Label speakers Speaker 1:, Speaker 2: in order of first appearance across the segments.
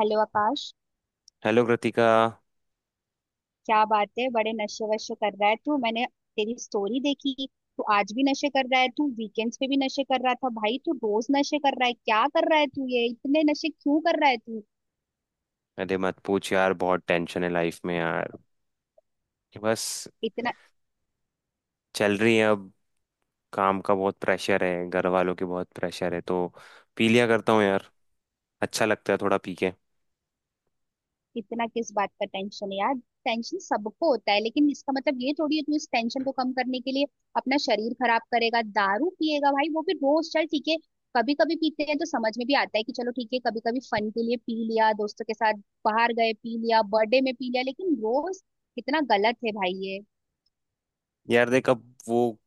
Speaker 1: Hello Akash.
Speaker 2: Hello Kritika.
Speaker 1: क्या बात है, बड़े नशे वशे कर रहा है तू। मैंने तेरी स्टोरी देखी, तू आज भी नशे कर रहा है, तू वीकेंड्स पे भी नशे कर रहा था, भाई तू रोज नशे कर रहा है। क्या कर रहा है तू, ये इतने नशे क्यों कर रहा है तू?
Speaker 2: अरे मत पूछ यार, बहुत टेंशन है लाइफ में यार। बस
Speaker 1: इतना
Speaker 2: चल रही है अब। काम का बहुत प्रेशर है, घर वालों की बहुत प्रेशर है, तो पी लिया करता हूँ यार। अच्छा लगता है थोड़ा पी के।
Speaker 1: इतना किस बात का टेंशन है यार। टेंशन सबको होता है, लेकिन इसका मतलब ये थोड़ी है तू इस टेंशन को कम करने के लिए अपना शरीर खराब करेगा, दारू पिएगा भाई, वो भी रोज। चल ठीक है, कभी कभी पीते हैं तो समझ में भी आता है कि चलो ठीक है, कभी कभी फन के लिए पी लिया दोस्तों के साथ, बाहर गए पी लिया, बर्थडे में पी लिया, लेकिन रोज कितना गलत है भाई ये।
Speaker 2: यार देख, अब वो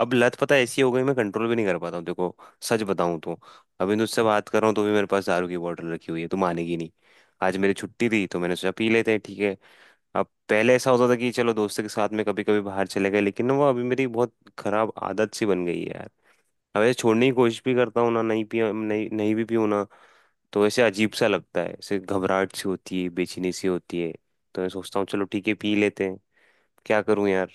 Speaker 2: अब लत पता है ऐसी हो गई, मैं कंट्रोल भी नहीं कर पाता हूँ। देखो, सच बताऊँ तो अभी तुझसे बात कर रहा हूँ तो भी मेरे पास दारू की बोतल रखी हुई है, तू मानेगी नहीं। आज मेरी छुट्टी थी तो मैंने सोचा पी लेते हैं, ठीक है। अब पहले ऐसा होता था कि चलो दोस्तों के साथ में कभी कभी बाहर चले गए, लेकिन ना वो अभी मेरी बहुत खराब आदत सी बन गई है यार। अब ऐसे छोड़ने की कोशिश भी करता हूँ ना, नहीं पी, नहीं नहीं भी पीऊँ ना, तो ऐसे अजीब सा लगता है, ऐसे घबराहट सी होती है, बेचैनी सी होती है। तो मैं सोचता हूँ चलो ठीक है पी लेते हैं। क्या करूँ यार।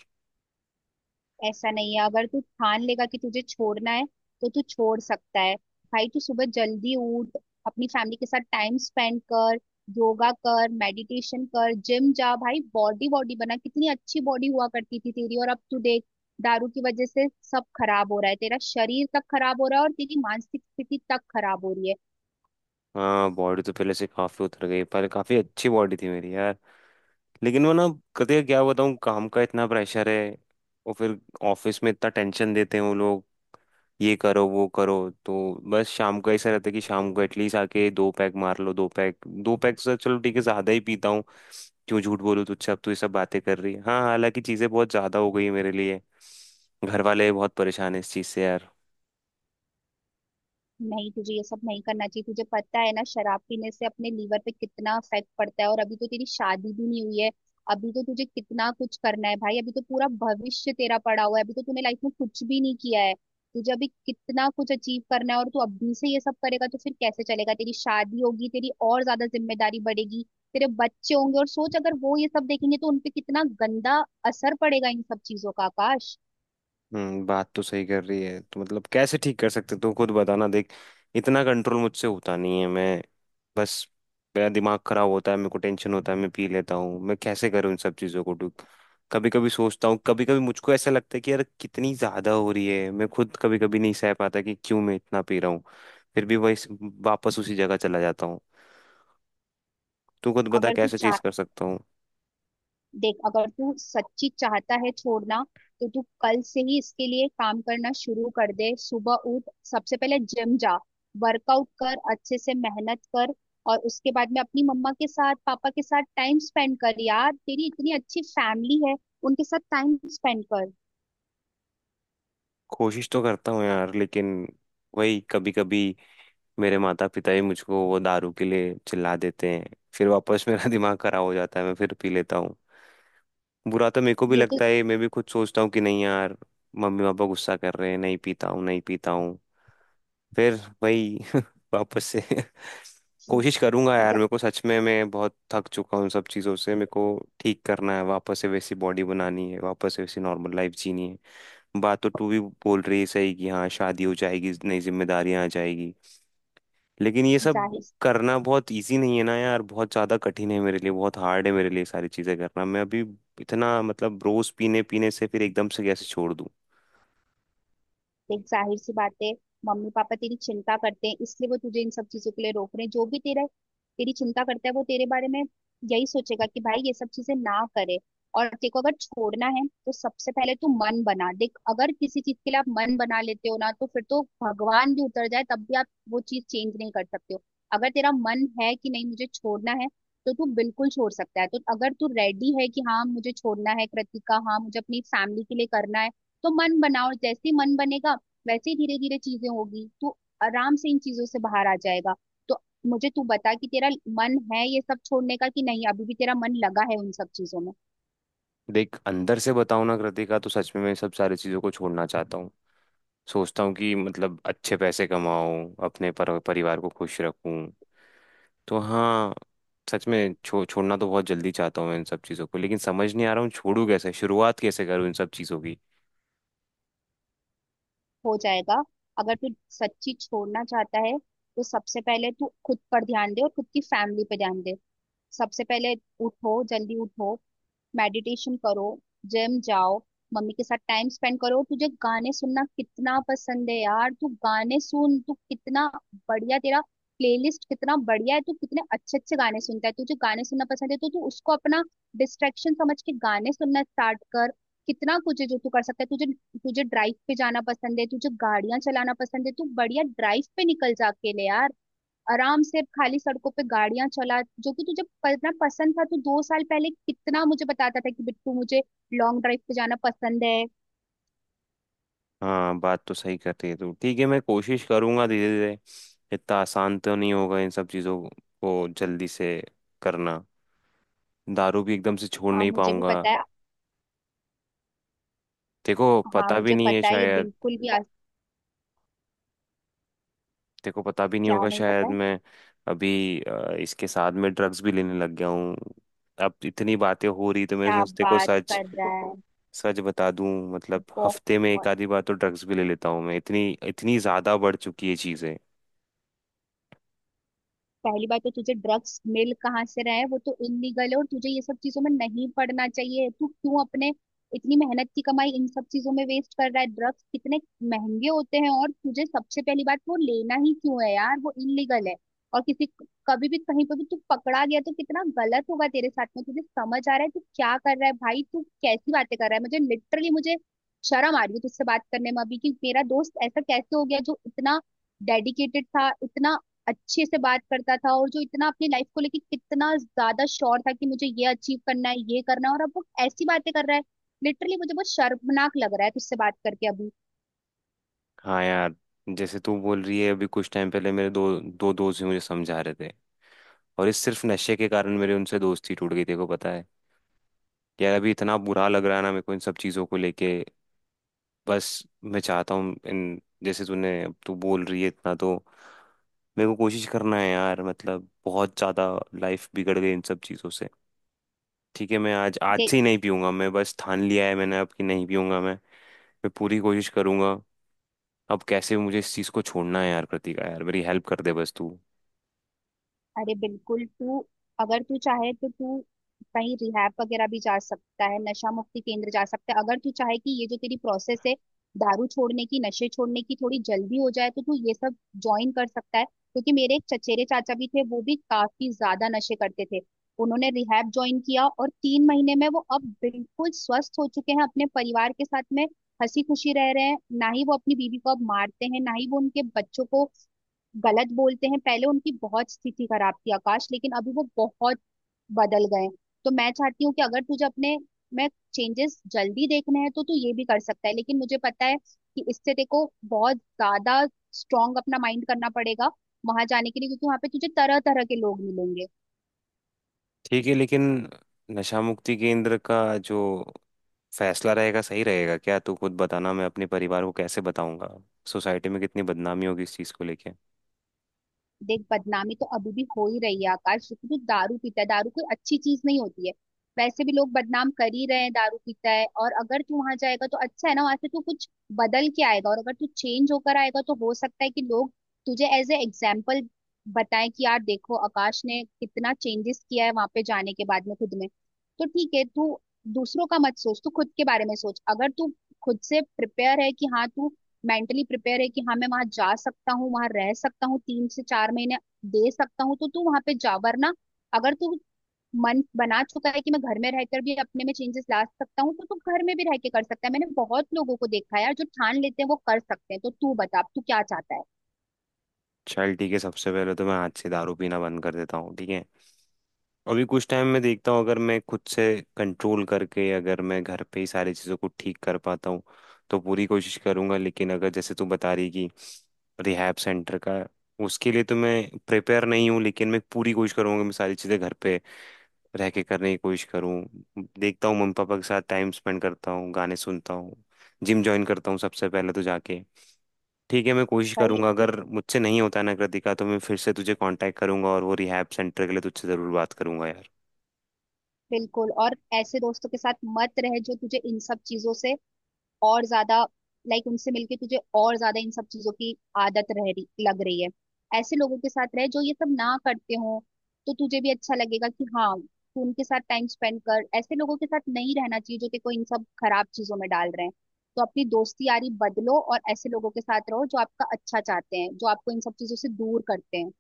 Speaker 1: ऐसा नहीं है, अगर तू ठान लेगा कि तुझे छोड़ना है तो तू छोड़ सकता है। भाई तू सुबह जल्दी उठ, अपनी फैमिली के साथ टाइम स्पेंड कर, योगा कर, मेडिटेशन कर, जिम जा भाई। बॉडी बॉडी बना, कितनी अच्छी बॉडी हुआ करती थी तेरी, और अब तू देख, दारू की वजह से सब खराब हो रहा है, तेरा शरीर तक खराब हो रहा है और तेरी मानसिक स्थिति तक खराब हो रही है।
Speaker 2: हाँ, बॉडी तो पहले से काफी उतर गई, पहले काफी अच्छी बॉडी थी मेरी यार। लेकिन वो ना कते क्या बताऊँ, काम का इतना प्रेशर है और फिर ऑफिस में इतना टेंशन देते हैं वो लोग, ये करो वो करो। तो बस शाम को ऐसा रहता है कि शाम को एटलीस्ट आके दो पैक मार लो। दो पैक, दो पैक से चलो ठीक है, ज्यादा ही पीता हूँ। क्यों झूठ बोलूं तुझसे। अब तू ये सब बातें कर रही है, हाँ, हालांकि चीजें बहुत ज्यादा हो गई हैं मेरे लिए। घर वाले बहुत परेशान है इस चीज से यार।
Speaker 1: नहीं, तुझे ये सब नहीं करना चाहिए। तुझे पता है ना, शराब पीने से अपने लीवर पे कितना इफेक्ट पड़ता है, और अभी तो तेरी शादी भी नहीं हुई है। अभी तो तुझे कितना कुछ करना है भाई, अभी तो पूरा भविष्य तेरा पड़ा हुआ है, अभी तो तूने लाइफ में कुछ भी नहीं किया है। तुझे अभी कितना कुछ अचीव करना है, और तू अभी से ये सब करेगा तो फिर कैसे चलेगा। तेरी शादी होगी, तेरी और ज्यादा जिम्मेदारी बढ़ेगी, तेरे बच्चे होंगे, और सोच अगर वो ये सब देखेंगे तो उनपे कितना गंदा असर पड़ेगा इन सब चीजों का, आकाश।
Speaker 2: हम्म, बात तो सही कर रही है, तो मतलब कैसे ठीक कर सकते, तू खुद बताना। देख, इतना कंट्रोल मुझसे होता नहीं है। मैं बस मेरा दिमाग खराब होता है, मेरे को टेंशन होता है, मैं पी लेता हूँ। मैं कैसे करूँ इन सब चीज़ों को ठीक। कभी कभी सोचता हूँ, कभी कभी मुझको ऐसा लगता है कि यार कितनी ज़्यादा हो रही है, मैं खुद कभी कभी नहीं सह पाता कि क्यों मैं इतना पी रहा हूँ। फिर भी वही वापस उसी जगह चला जाता हूँ। तू खुद बता
Speaker 1: अगर तू
Speaker 2: कैसे
Speaker 1: चाह
Speaker 2: चीज कर सकता हूँ।
Speaker 1: देख, अगर तू सच्ची चाहता है छोड़ना, तो तू कल से ही इसके लिए काम करना शुरू कर दे। सुबह उठ, सबसे पहले जिम जा, वर्कआउट कर, अच्छे से मेहनत कर, और उसके बाद में अपनी मम्मा के साथ पापा के साथ टाइम स्पेंड कर। यार तेरी इतनी अच्छी फैमिली है, उनके साथ टाइम स्पेंड कर।
Speaker 2: कोशिश तो करता हूँ यार, लेकिन वही कभी कभी मेरे माता पिता ही मुझको वो दारू के लिए चिल्ला देते हैं, फिर वापस मेरा दिमाग खराब हो जाता है, मैं फिर पी लेता हूँ। बुरा तो मेरे को भी
Speaker 1: ये तो
Speaker 2: लगता है, मैं भी खुद सोचता हूँ कि नहीं यार, मम्मी पापा गुस्सा कर रहे हैं, नहीं पीता हूँ, नहीं पीता हूँ। फिर वही वापस से
Speaker 1: ज-
Speaker 2: कोशिश करूंगा यार। मेरे
Speaker 1: ज-
Speaker 2: को सच में मैं बहुत थक चुका हूँ इन सब चीज़ों से। मेरे को ठीक करना है, वापस से वैसी बॉडी बनानी है, वापस से वैसी नॉर्मल लाइफ जीनी है। बात तो तू भी बोल रही है सही कि हाँ शादी हो जाएगी, नई जिम्मेदारियां आ जाएगी, लेकिन ये सब
Speaker 1: जाहिर
Speaker 2: करना बहुत इजी नहीं है ना यार। बहुत ज्यादा कठिन है मेरे लिए, बहुत हार्ड है मेरे लिए सारी चीजें करना। मैं अभी इतना मतलब रोज पीने पीने से फिर एकदम से कैसे छोड़ दूं।
Speaker 1: देख, जाहिर सी बात है, मम्मी पापा तेरी चिंता करते हैं, इसलिए वो तुझे इन सब चीजों के लिए रोक रहे हैं। जो भी तेरा, तेरी चिंता करता है, वो तेरे बारे में यही सोचेगा कि भाई ये सब चीजें ना करे। और तेरे को अगर छोड़ना है तो सबसे पहले तू मन बना। देख, अगर किसी चीज के लिए आप मन बना लेते हो ना, तो फिर तो भगवान भी उतर जाए तब भी आप वो चीज चेंज नहीं कर सकते हो। अगर तेरा मन है कि नहीं मुझे छोड़ना है, तो तू बिल्कुल छोड़ सकता है। तो अगर तू रेडी है कि हाँ मुझे छोड़ना है कृतिका, हाँ मुझे अपनी फैमिली के लिए करना है, तो मन बनाओ। जैसे ही मन बनेगा, वैसे ही धीरे धीरे चीजें होगी, तू आराम से इन चीजों से बाहर आ जाएगा। तो मुझे तू बता कि तेरा मन है ये सब छोड़ने का कि नहीं, अभी भी तेरा मन लगा है उन सब चीजों में।
Speaker 2: देख अंदर से बताऊं ना कृतिका, तो सच में मैं सब सारी चीजों को छोड़ना चाहता हूँ। सोचता हूँ कि मतलब अच्छे पैसे कमाऊं, अपने परिवार को खुश रखूं। तो हाँ, सच में छोड़ना तो बहुत जल्दी चाहता हूँ मैं इन सब चीज़ों को, लेकिन समझ नहीं आ रहा हूँ छोड़ू कैसे, शुरुआत कैसे करूँ इन सब चीज़ों की।
Speaker 1: हो जाएगा, अगर तू सच्ची छोड़ना चाहता है, तो सबसे पहले तू खुद पर ध्यान दे और खुद की फैमिली पे ध्यान दे। सबसे पहले उठो जल्दी, उठो, मेडिटेशन करो, जिम जाओ, मम्मी के साथ टाइम स्पेंड करो। तुझे गाने सुनना कितना पसंद है यार, तू गाने सुन, तू कितना बढ़िया, तेरा प्लेलिस्ट कितना बढ़िया है, तू कितने अच्छे अच्छे गाने सुनता है। तुझे गाने सुनना पसंद है, तो तू उसको अपना डिस्ट्रैक्शन समझ के गाने सुनना स्टार्ट कर। कितना कुछ है जो तू कर सकता है। तुझे तुझे ड्राइव पे जाना पसंद है, तुझे गाड़ियां चलाना पसंद है, तू बढ़िया ड्राइव पे निकल जा अकेले यार, आराम से खाली सड़कों पे गाड़ियां चला। जो कि तुझे पढ़ना पसंद था, तो 2 साल पहले कितना मुझे बताता था कि बिट्टू मुझे लॉन्ग ड्राइव पे जाना पसंद है।
Speaker 2: हाँ, बात तो सही करती है तू, ठीक है मैं कोशिश करूँगा धीरे धीरे। इतना आसान तो नहीं होगा इन सब चीज़ों को जल्दी से करना, दारू भी एकदम से छोड़
Speaker 1: हाँ,
Speaker 2: नहीं
Speaker 1: मुझे भी
Speaker 2: पाऊंगा।
Speaker 1: पता है।
Speaker 2: देखो
Speaker 1: हाँ,
Speaker 2: पता भी
Speaker 1: मुझे
Speaker 2: नहीं है
Speaker 1: पता है, ये
Speaker 2: शायद,
Speaker 1: बिल्कुल भी आज।
Speaker 2: देखो पता भी नहीं
Speaker 1: क्या
Speaker 2: होगा
Speaker 1: नहीं पता
Speaker 2: शायद।
Speaker 1: है?
Speaker 2: मैं अभी इसके साथ में ड्रग्स भी लेने लग गया हूँ। अब इतनी बातें हो रही तो मैं
Speaker 1: क्या
Speaker 2: सोचते को
Speaker 1: बात
Speaker 2: सच,
Speaker 1: कर रहा है?
Speaker 2: सच बता दूं, मतलब
Speaker 1: बहुत।
Speaker 2: हफ्ते में एक आधी बार तो ड्रग्स भी ले लेता हूँ मैं। इतनी इतनी ज्यादा बढ़ चुकी है चीजें।
Speaker 1: पहली बात तो तुझे ड्रग्स मिल कहाँ से रहा है, वो तो इलीगल है, और तुझे ये सब चीजों में नहीं पड़ना चाहिए। तू क्यों अपने इतनी मेहनत की कमाई इन सब चीजों में वेस्ट कर रहा है, ड्रग्स कितने महंगे होते हैं। और तुझे सबसे पहली बात, वो लेना ही क्यों है यार, वो इलीगल है। और किसी, कभी भी कहीं पर भी तू पकड़ा गया तो कितना गलत होगा तेरे साथ में। तुझे समझ आ रहा है तू क्या कर रहा है भाई, तू कैसी बातें कर रहा है। मुझे लिटरली, मुझे शर्म आ रही है तुझसे बात करने में अभी, कि मेरा दोस्त ऐसा कैसे हो गया जो इतना डेडिकेटेड था, इतना अच्छे से बात करता था, और जो इतना अपनी लाइफ को लेके कितना ज्यादा श्योर था कि मुझे ये अचीव करना है, ये करना है, और अब वो ऐसी बातें कर रहा है। लिटरली मुझे बहुत शर्मनाक लग रहा है तुझसे बात करके अभी।
Speaker 2: हाँ यार, जैसे तू बोल रही है, अभी कुछ टाइम पहले मेरे दो दो दोस्त भी मुझे समझा रहे थे, और इस सिर्फ नशे के कारण मेरी उनसे दोस्ती टूट गई। देखो पता है यार, अभी इतना बुरा लग रहा है ना मेरे को इन सब चीजों को लेके। बस मैं चाहता हूँ इन, जैसे तूने अब तू बोल रही है इतना, तो मेरे को कोशिश करना है यार, मतलब बहुत ज्यादा लाइफ बिगड़ गई इन सब चीजों से। ठीक है, मैं आज आज से ही नहीं पीऊंगा, मैं बस ठान लिया है मैंने अब कि नहीं पीऊंगा मैं। मैं पूरी कोशिश करूंगा, अब कैसे भी मुझे इस चीज़ को छोड़ना है यार। कृतिका यार, मेरी हेल्प कर दे बस तू।
Speaker 1: अरे बिल्कुल। तू अगर तू चाहे तो तू कहीं रिहैब वगैरह भी जा सकता है, नशा मुक्ति केंद्र जा सकता है, अगर तू चाहे कि ये जो तेरी प्रोसेस है दारू छोड़ने की, नशे छोड़ने की, थोड़ी जल्दी हो जाए, तो तू ये सब ज्वाइन कर सकता है। क्योंकि मेरे एक चचेरे चाचा भी थे, वो भी काफी ज्यादा नशे करते थे। उन्होंने रिहैब ज्वाइन किया, और 3 महीने में वो अब बिल्कुल स्वस्थ हो चुके हैं, अपने परिवार के साथ में हंसी खुशी रह रहे हैं। ना ही वो अपनी बीवी को अब मारते हैं, ना ही वो उनके बच्चों को गलत बोलते हैं। पहले उनकी बहुत स्थिति खराब थी आकाश, लेकिन अभी वो बहुत बदल गए हैं। तो मैं चाहती हूँ कि अगर तुझे अपने में चेंजेस जल्दी देखने हैं, तो तू ये भी कर सकता है। लेकिन मुझे पता है कि इससे, देखो, बहुत ज्यादा स्ट्रांग अपना माइंड करना पड़ेगा वहां जाने के लिए, क्योंकि वहां पे तुझे तरह तरह के लोग मिलेंगे।
Speaker 2: ठीक है, लेकिन नशा मुक्ति केंद्र का जो फैसला रहेगा सही रहेगा क्या, तू खुद बताना। मैं अपने परिवार को कैसे बताऊंगा, सोसाइटी में कितनी बदनामी होगी इस चीज़ को लेके।
Speaker 1: देख, बदनामी तो अभी भी हो ही रही है आकाश, क्योंकि तू दारू पीता है, दारू कोई अच्छी चीज नहीं होती है, वैसे भी लोग बदनाम कर ही रहे हैं दारू पीता है। और अगर तू वहां जाएगा तो अच्छा है ना, वहां से तू कुछ बदल के आएगा, और अगर तू चेंज होकर आएगा तो हो सकता है कि लोग तुझे एज ए एग्जाम्पल बताएं कि यार देखो आकाश ने कितना चेंजेस किया है वहां पे जाने के बाद में खुद में। तो ठीक है तू, दूसरों का मत सोच, तू खुद के बारे में सोच। अगर तू खुद से प्रिपेयर है कि हाँ तू मेंटली प्रिपेयर है कि हाँ मैं वहां जा सकता हूँ, वहां रह सकता हूँ, 3 से 4 महीने दे सकता हूँ, तो तू वहां पे जा। वरना अगर तू मन बना चुका है कि मैं घर में रहकर भी अपने में चेंजेस ला सकता हूँ, तो तू घर में भी रह के कर सकता है। मैंने बहुत लोगों को देखा है यार, जो ठान लेते हैं वो कर सकते हैं। तो तू बता अब तू क्या चाहता है।
Speaker 2: चल ठीक है, सबसे पहले तो मैं आज से दारू पीना बंद कर देता हूँ, ठीक है। अभी कुछ टाइम में देखता हूँ, अगर मैं खुद से कंट्रोल करके अगर मैं घर पे ही सारी चीज़ों को ठीक कर पाता हूँ तो पूरी कोशिश करूँगा। लेकिन अगर जैसे तू बता रही कि रिहैब सेंटर का, उसके लिए तो मैं प्रिपेयर नहीं हूँ। लेकिन मैं पूरी कोशिश करूँगा, मैं सारी चीज़ें घर पे रह के करने की कोशिश करूँ। देखता हूँ, मम्मी पापा के साथ टाइम स्पेंड करता हूँ, गाने सुनता हूँ, जिम ज्वाइन करता हूँ सबसे पहले तो जाके। ठीक है, मैं कोशिश
Speaker 1: भाई
Speaker 2: करूंगा। अगर मुझसे नहीं होता ना कृतिका, तो मैं फिर से तुझे कांटेक्ट करूंगा और वो रिहैब सेंटर के लिए तुझसे ज़रूर बात करूंगा यार।
Speaker 1: बिल्कुल। और ऐसे दोस्तों के साथ मत रह जो तुझे इन सब चीजों से और ज्यादा, लाइक उनसे मिलके तुझे और ज्यादा इन सब चीजों की आदत रह रही, लग रही है। ऐसे लोगों के साथ रह जो ये सब ना करते हो, तो तुझे भी अच्छा लगेगा कि हाँ तू उनके साथ टाइम स्पेंड कर। ऐसे लोगों के साथ नहीं रहना चाहिए जो तेको इन सब खराब चीजों में डाल रहे हैं। तो अपनी दोस्ती यारी बदलो, और ऐसे लोगों के साथ रहो जो आपका अच्छा चाहते हैं, जो आपको इन सब चीजों से दूर करते हैं।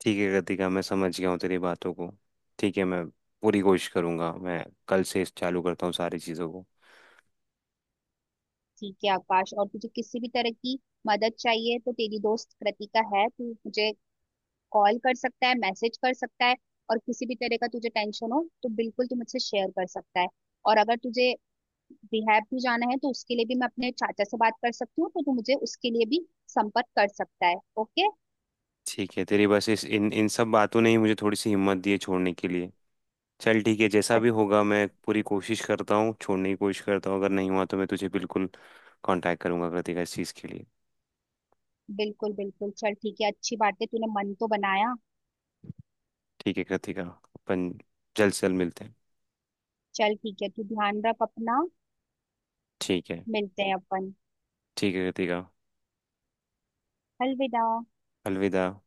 Speaker 2: ठीक है कृतिका, मैं समझ गया हूँ तेरी बातों को। ठीक है, मैं पूरी कोशिश करूंगा, मैं कल से इस चालू करता हूँ सारी चीज़ों को।
Speaker 1: ठीक है आकाश, और तुझे किसी भी तरह की मदद चाहिए तो तेरी दोस्त कृतिका है, तू मुझे कॉल कर सकता है, मैसेज कर सकता है, और किसी भी तरह का तुझे टेंशन हो तो बिल्कुल तू मुझसे शेयर कर सकता है। और अगर तुझे रिहैब भी जाना है तो उसके लिए भी मैं अपने चाचा से बात कर सकती हूँ, तो तू मुझे उसके लिए भी संपर्क कर सकता है। ओके।
Speaker 2: ठीक है, तेरी बस इस इन इन सब बातों ने ही मुझे थोड़ी सी हिम्मत दी है छोड़ने के लिए। चल ठीक है, जैसा भी होगा मैं पूरी कोशिश करता हूँ, छोड़ने की कोशिश करता हूँ। अगर नहीं हुआ तो मैं तुझे बिल्कुल कांटेक्ट करूंगा कृतिका इस चीज़ के लिए।
Speaker 1: बिल्कुल बिल्कुल, चल ठीक है, अच्छी बात है तूने मन तो बनाया।
Speaker 2: ठीक है कृतिका, अपन जल्द से जल्द मिलते हैं।
Speaker 1: चल ठीक है, तू ध्यान रख अपना।
Speaker 2: ठीक है।
Speaker 1: मिलते हैं अपन।
Speaker 2: ठीक है कृतिका,
Speaker 1: अलविदा।
Speaker 2: अलविदा।